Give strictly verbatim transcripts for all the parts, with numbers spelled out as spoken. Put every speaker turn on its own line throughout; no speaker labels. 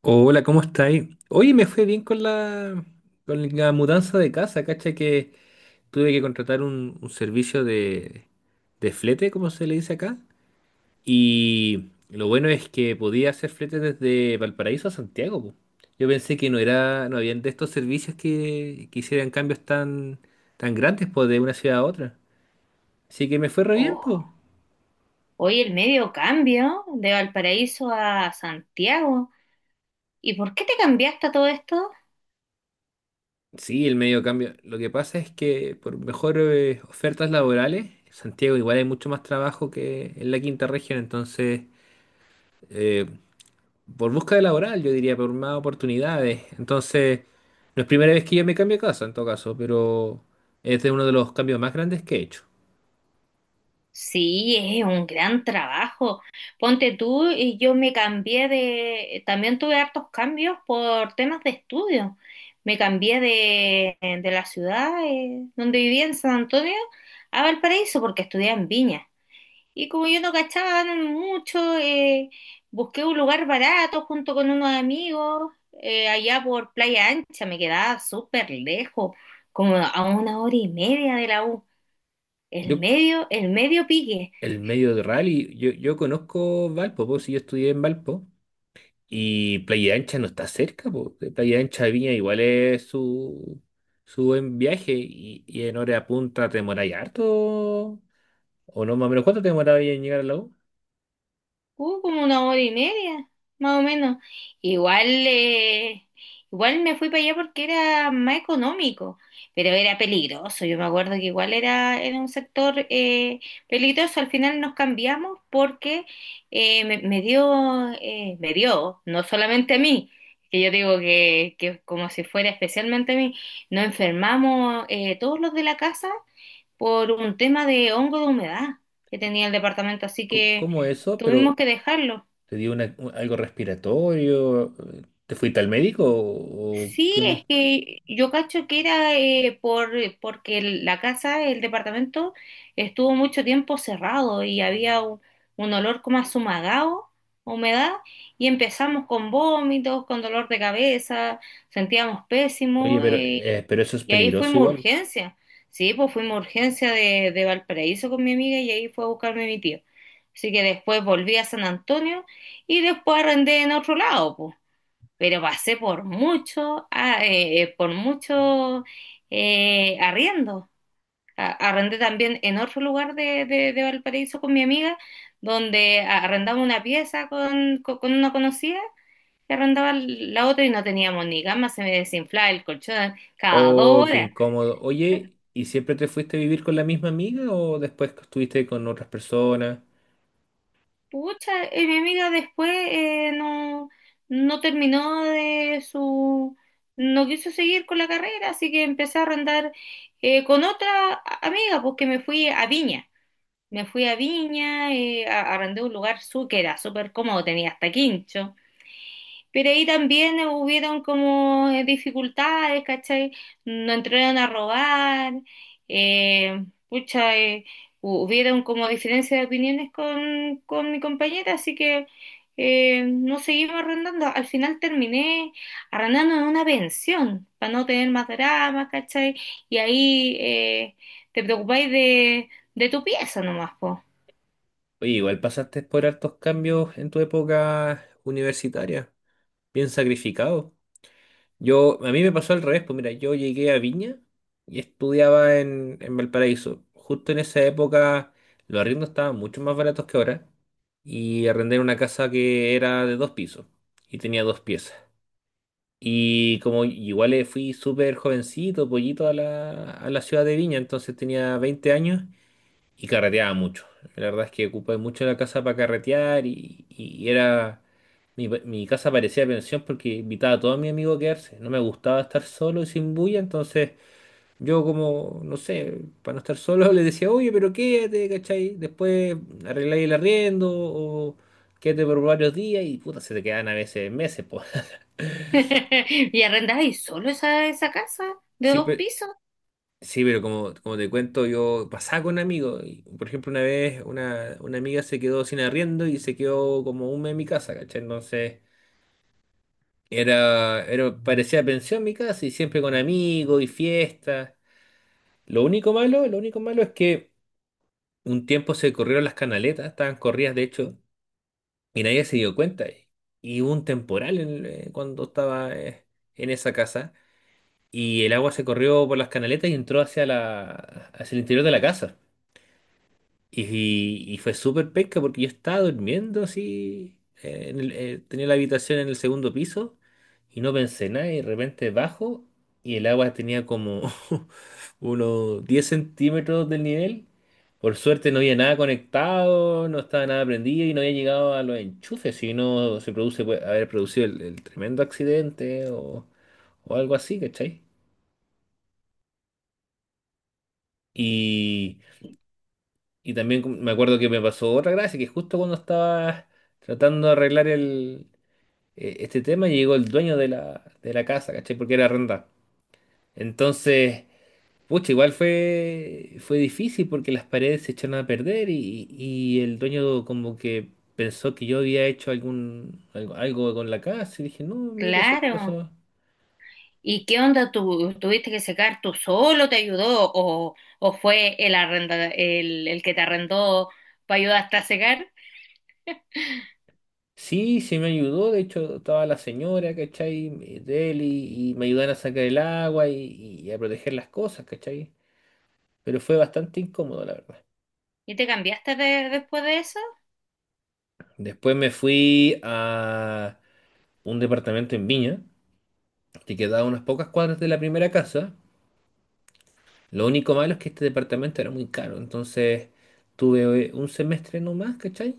Hola, ¿cómo estáis? Oye, me fue bien con la, con la mudanza de casa, cacha que tuve que contratar un, un servicio de, de flete, como se le dice acá. Y lo bueno es que podía hacer flete desde Valparaíso a Santiago, po. Yo pensé que no era, no habían de estos servicios que, que hicieran cambios tan, tan grandes, pues, de una ciudad a otra. Así que me fue re bien,
Oh,
pues.
hoy el medio cambio de Valparaíso a Santiago. ¿Y por qué te cambiaste a todo esto?
Sí, el medio cambio. Lo que pasa es que por mejores ofertas laborales, en Santiago igual hay mucho más trabajo que en la quinta región, entonces, eh, por búsqueda laboral, yo diría, por más oportunidades. Entonces, no es primera vez que yo me cambio de casa, en todo caso, pero es de uno de los cambios más grandes que he hecho.
Sí, es un gran trabajo. Ponte tú y yo me cambié de... También tuve hartos cambios por temas de estudio. Me cambié de, de la ciudad eh, donde vivía en San Antonio a Valparaíso porque estudié en Viña. Y como yo no cachaba no no mucho, eh, busqué un lugar barato junto con unos amigos, eh, allá por Playa Ancha, me quedaba súper lejos, como a una hora y media de la U. El
Yo,
medio, el medio pique.
el medio de rally, yo, yo conozco Valpo, pues, si yo estudié en Valpo. Y Playa Ancha no está cerca, po. De Playa Ancha a Viña igual es su, su buen viaje y, y en hora punta te demoráis harto. O no, más o menos, ¿cuánto te demorabas en llegar al lago?
Uh, como una hora y media, más o menos. Igual, eh, igual me fui para allá porque era más económico, pero era peligroso. Yo me acuerdo que igual era, era un sector eh, peligroso. Al final nos cambiamos porque eh, me, me dio, eh, me dio, no solamente a mí, que yo digo que, que como si fuera especialmente a mí, nos enfermamos eh, todos los de la casa por un tema de hongo de humedad que tenía el departamento, así que
¿Cómo eso?
tuvimos
Pero
que dejarlo.
te dio una- un- algo respiratorio. ¿Te fuiste al médico? ¿O, o
Sí,
qué
es
on-
que yo cacho que era eh, por, porque el- la casa, el departamento, estuvo mucho tiempo cerrado y había un, un olor como a sumagado, humedad, y empezamos con vómitos, con dolor de cabeza, sentíamos
Oye,
pésimo
pero,
eh.
eh, pero eso es
Y ahí
peligroso
fuimos a
igual.
urgencia. Sí, pues fuimos a urgencia de, de Valparaíso con mi amiga y ahí fue a buscarme mi tío. Así que después volví a San Antonio y después arrendé en otro lado, pues. Pero pasé por mucho, ah, eh, eh, por mucho eh, arriendo. A- Arrendé también en otro lugar de, de- de Valparaíso con mi amiga, donde a- arrendaba una pieza con, con, con una conocida y arrendaba la otra y no teníamos ni cama, se me desinflaba el colchón cada
Oh,
dos
qué
horas.
incómodo. Oye, ¿y siempre te fuiste a vivir con la misma amiga o después estuviste con otras personas?
Pucha, eh, mi amiga después eh, no, no terminó de su, no quiso seguir con la carrera, así que empecé a arrendar eh, con otra a- amiga, porque me fui a Viña. Me fui a Viña, eh, a- arrendé un lugar su, que era súper cómodo, tenía hasta quincho. Pero ahí también hubieron como eh, dificultades, ¿cachai? No entraron a robar, eh, pucha, eh, hu- hubieron como diferencias de opiniones con, con mi compañera, así que eh, no seguimos arrendando. Al final terminé arrendando en una pensión, para no tener más dramas, ¿cachai? Y ahí eh, te preocupáis de, de tu pieza nomás, po.
Oye, igual pasaste por hartos cambios en tu época universitaria, bien sacrificado. Yo, a mí me pasó al revés, pues mira, yo llegué a Viña y estudiaba en, en Valparaíso. Justo en esa época los arriendos estaban mucho más baratos que ahora y arrendé una casa que era de dos pisos y tenía dos piezas. Y como igual eh, fui súper jovencito, pollito a la, a la ciudad de Viña, entonces tenía veinte años y carreteaba mucho. La verdad es que ocupé mucho la casa para carretear y, y era. Mi, mi casa parecía pensión porque invitaba a todos mis amigos a quedarse. No me gustaba estar solo y sin bulla, entonces yo como, no sé, para no estar solo les decía, oye, pero quédate, ¿cachai? Después arregláis el arriendo o quédate por varios días y puta, se te quedan a veces meses, pues.
Y arrendáis solo esa, esa casa de dos
Siempre.
pisos,
Sí, pero como, como te cuento, yo pasaba con amigos. Y, por ejemplo, una vez una, una amiga se quedó sin arriendo y se quedó como un mes en mi casa, ¿cachai? Entonces, era, era, parecía pensión mi casa y siempre con amigos y fiestas. Lo único malo, lo único malo es que un tiempo se corrieron las canaletas, estaban corridas de hecho, y nadie se dio cuenta. Y hubo un temporal en- el- eh, cuando estaba eh, en esa casa y el agua se corrió por las canaletas y entró hacia la, hacia el interior de la casa. Y, y fue súper pesca porque yo estaba durmiendo así, eh, en el- eh, tenía la habitación en el segundo piso y no pensé nada y de repente bajo y el agua tenía como unos diez centímetros del nivel. Por suerte no había nada conectado, no estaba nada prendido y no había llegado a los enchufes, si no se produce, puede haber producido el, el tremendo accidente o, o algo así, ¿cachai? Y Y también me acuerdo que me pasó otra gracia, que justo cuando estaba tratando de arreglar el, eh, este tema, llegó el dueño de la, de la casa, ¿cachai? Porque era arrendada. Entonces, pucha, igual fue, fue difícil porque las paredes se echaron a perder y, y el dueño como que pensó que yo había hecho algún, algo, algo con la casa y dije, no, mira, ¿sabes qué
claro.
pasó?
¿Y qué onda? ¿Tú tuviste que secar tú solo? ¿Te ayudó? ¿O, o fue el, arrenda, el, el que te arrendó para ayudarte a secar?
Sí, sí me ayudó, de hecho estaba la señora, ¿cachai? De él y, y me ayudaron a sacar el agua y, y a proteger las cosas, ¿cachai? Pero fue bastante incómodo, la verdad.
¿Y te cambiaste de- después de eso?
Después me fui a un departamento en Viña, que quedaba a unas pocas cuadras de la primera casa. Lo único malo es que este departamento era muy caro, entonces tuve un semestre nomás, ¿cachai?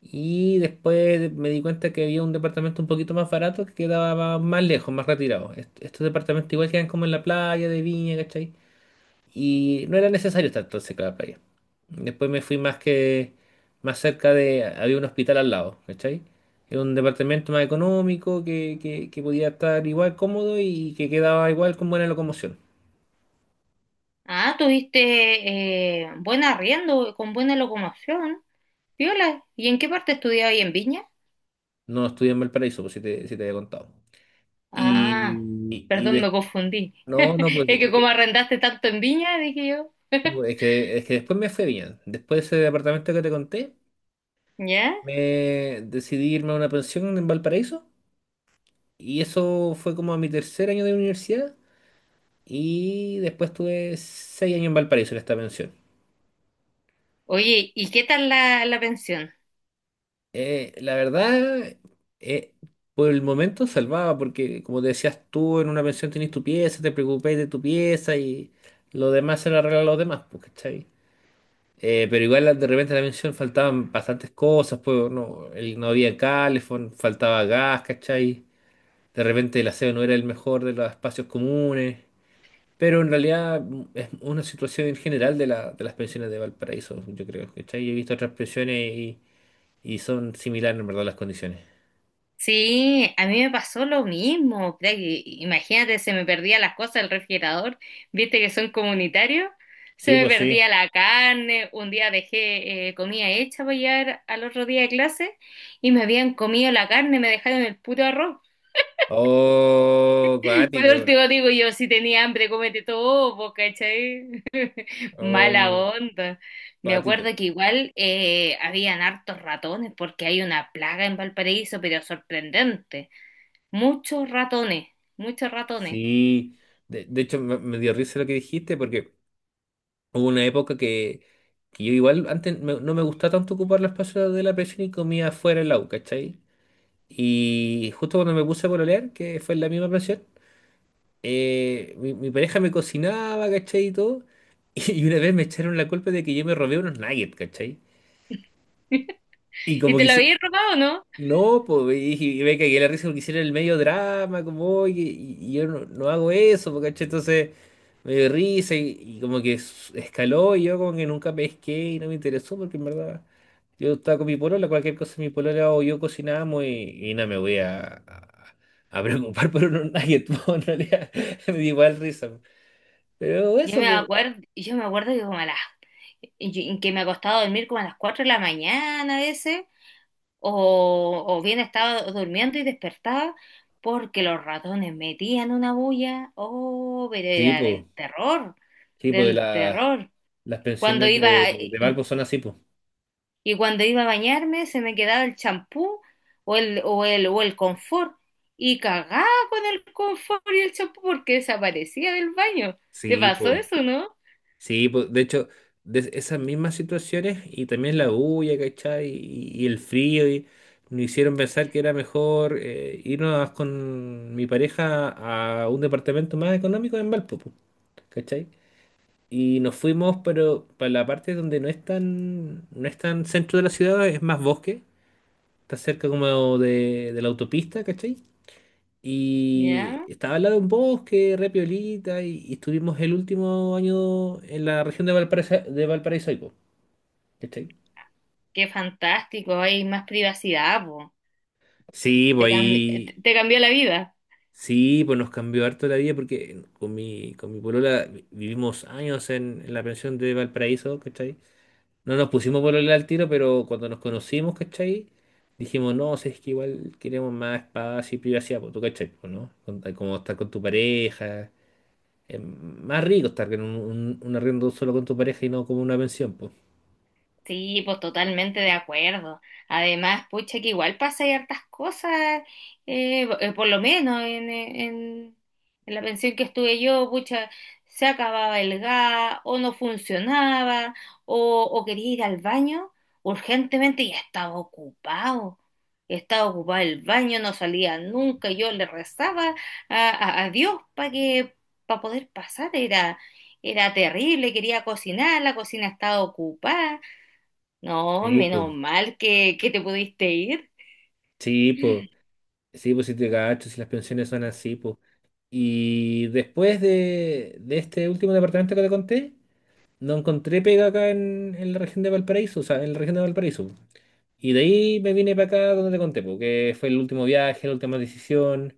Y después me di cuenta que había un departamento un poquito más barato que quedaba más lejos, más retirado. Est- Estos departamentos igual quedan como en la playa de Viña, ¿cachai? Y no era necesario estar tan cerca de la playa. Después me fui más que más cerca de. Había un hospital al lado, ¿cachai? Era un departamento más económico que, que, que podía estar igual cómodo y que quedaba igual con buena locomoción.
Ah, tuviste eh, buen arriendo, con buena locomoción. Viola, ¿y en qué parte estudiabas ahí en Viña?
No estudié en Valparaíso, pues si te, si te había contado.
Ah,
Y, y
perdón,
de-
me confundí.
no, no, pues
Es
es
que como
que,
arrendaste tanto en Viña, dije yo.
es que, es que después me fue bien. Después de ese departamento que te conté,
¿Ya?
me decidí irme a una pensión en Valparaíso. Y eso fue como a mi tercer año de universidad. Y después tuve seis años en Valparaíso en esta pensión.
Oye, ¿y qué tal la, la pensión?
Eh, la verdad, eh, por el momento salvaba, porque como te decías tú, en una pensión tenés tu pieza, te preocupáis de tu pieza y lo demás se lo arreglan los demás, pues, ¿cachai? Eh, pero igual la- de repente en la pensión faltaban bastantes cosas, pues no, el- no había calefón, faltaba gas, ¿cachai? De repente el aseo no era el mejor de los espacios comunes. Pero en realidad mm, es una situación en general de, la, de las pensiones de Valparaíso, yo creo. ¿Cachai? Yo he visto otras pensiones y, y son similares en verdad las condiciones.
Sí, a mí me pasó lo mismo. Puta que... Imagínate, se me perdían las cosas del refrigerador, viste que son comunitarios, se
Sí,
me
pues sí.
perdía la carne, un día dejé eh, comida hecha para llevar al otro día de clase y me habían comido la carne, me dejaron el puto arroz.
Oh,
Por
cuático.
último digo yo, si tenía hambre, cómete todo, po, ¿cachai? Mala
Oh,
onda. Me
cuático.
acuerdo que igual eh, habían hartos ratones porque hay una plaga en Valparaíso, pero sorprendente. Muchos ratones, muchos ratones.
Sí. De, de hecho, me, me dio risa lo que dijiste porque hubo una época que, que yo igual antes me- no me gustaba tanto ocupar los espacios de la pensión y comía fuera en la U, ¿cachai? Y justo cuando me puse a pololear, que fue en la misma pensión. eh, mi, mi pareja me cocinaba, ¿cachai? Y todo. Y una vez me echaron la culpa de que yo me robé unos nuggets, ¿cachai? Y
¿Y
como que
te lo
hice-
habías robado o no?
no, pues, y, dije- y me cagué la risa porque hicieron el medio drama, como, oye, y, y yo no, no hago eso, pues, ¿cachai? Entonces me dio risa y, y como que s- escaló y yo como que nunca pesqué y no me interesó porque en verdad yo estaba con mi polola, cualquier cosa mi polola o yo cocinábamos y, y no me voy a, a, a preocupar por unos nuggets, pues, en realidad me dio igual risa. Pero
Yo
eso,
me
pues.
acuerdo, yo me acuerdo que como a las, y- que me ha costado dormir como a las cuatro de la mañana a veces, o, o bien estaba durmiendo y despertaba porque los ratones metían una bulla. Oh, pero
Sí,
era
pues.
del terror,
Sí, po, de
del
la-
terror.
las
Cuando
pensiones
iba,
de, de Valpo son así, pues.
Y cuando iba a bañarme se me quedaba el champú o el, o el, o el confort. Y cagaba con el confort y el champú porque desaparecía del baño. ¿Te
Sí,
pasó
pues.
eso, no?
Sí, po. De hecho, de esas mismas situaciones y también la bulla, ¿cachai? Y, y el frío, y nos hicieron pensar que era mejor eh, irnos con mi pareja a un departamento más económico en Valpo, po, ¿cachai? Y nos fuimos, pero para la parte donde no es tan, no es tan centro de la ciudad, es más bosque. Está cerca como de, de la autopista, ¿cachai? Y
Ya,
estaba al lado de un bosque, re piolita, y, y estuvimos el último año en la región de Valparaíso, de Valparaíso, ahí, po, ¿cachai?
qué fantástico, hay más privacidad, po.
Sí, pues
Te cambi- te-
ahí,
te cambió la vida.
sí, pues nos cambió harto la vida porque con mi, con mi polola vi- vivimos años en, en la pensión de Valparaíso, ¿cachai? No nos pusimos polola al tiro, pero cuando nos conocimos, ¿cachai? Dijimos, no, si es que igual queremos más espacio y privacidad, pues tú, ¿cachai? Pues, ¿no? Con- Como estar con tu pareja. Es más rico estar en un, un- un arriendo solo con tu pareja y no como una pensión, pues.
Sí, pues totalmente de acuerdo. Además, pucha, que igual pasa hay hartas cosas, eh, bo- eh, por lo menos en, eh, en- en la pensión que estuve yo, pucha, se acababa el gas, o no funcionaba, o, o quería ir al baño urgentemente y estaba ocupado. Estaba ocupado el baño, no salía nunca. Yo le rezaba a, a- a Dios para que, para poder pasar. Era, era terrible, quería cocinar, la cocina estaba ocupada. No,
Sí, pues.
menos mal que, que te pudiste ir.
Sí, pues. Sí, pues si te cacho, si las pensiones son así, pues. Y después de, de este último departamento que te conté, no encontré pega acá en, en la región de Valparaíso, o sea, en la región de Valparaíso. Y de ahí me vine para acá donde te conté, porque fue el último viaje, la última decisión.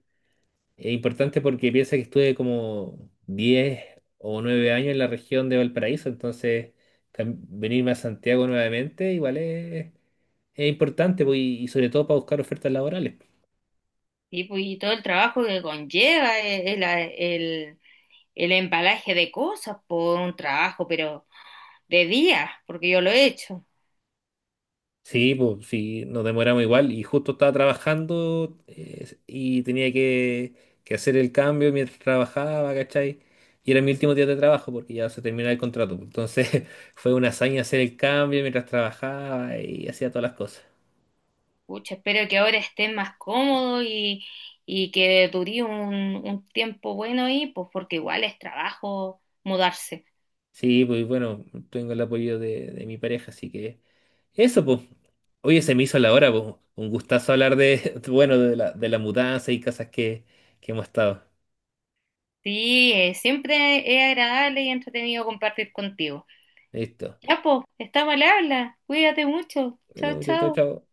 Es importante porque piensa que estuve como diez o nueve años en la región de Valparaíso, entonces cam- venirme a Santiago nuevamente igual es, es importante pues, y, y sobre todo para buscar ofertas laborales.
Sí, pues, y todo el trabajo que conlleva eh, el, a- el, el embalaje de cosas por un trabajo, pero de día, porque yo lo he hecho.
Sí, pues sí, nos demoramos igual y justo estaba trabajando eh, y tenía que, que hacer el cambio mientras trabajaba, ¿cachai? Y era mi último día de trabajo porque ya se terminaba el contrato, pues. Entonces fue una hazaña hacer el cambio mientras trabajaba y hacía todas las cosas.
Pucha, espero que ahora estés más cómodo y, y que dure un, un tiempo bueno ahí, pues porque igual es trabajo mudarse.
Sí, pues bueno, tengo el apoyo de, de mi pareja, así que eso, pues. Oye, se me hizo la hora, pues. Un gustazo hablar de, bueno, de la, de la mudanza y cosas que, que hemos estado.
Sí, eh, siempre es agradable y entretenido compartir contigo.
Listo.
Ya, pues, estamos al habla. Cuídate mucho.
Cuídate
Chao,
mucho. Chao,
chao.
chao.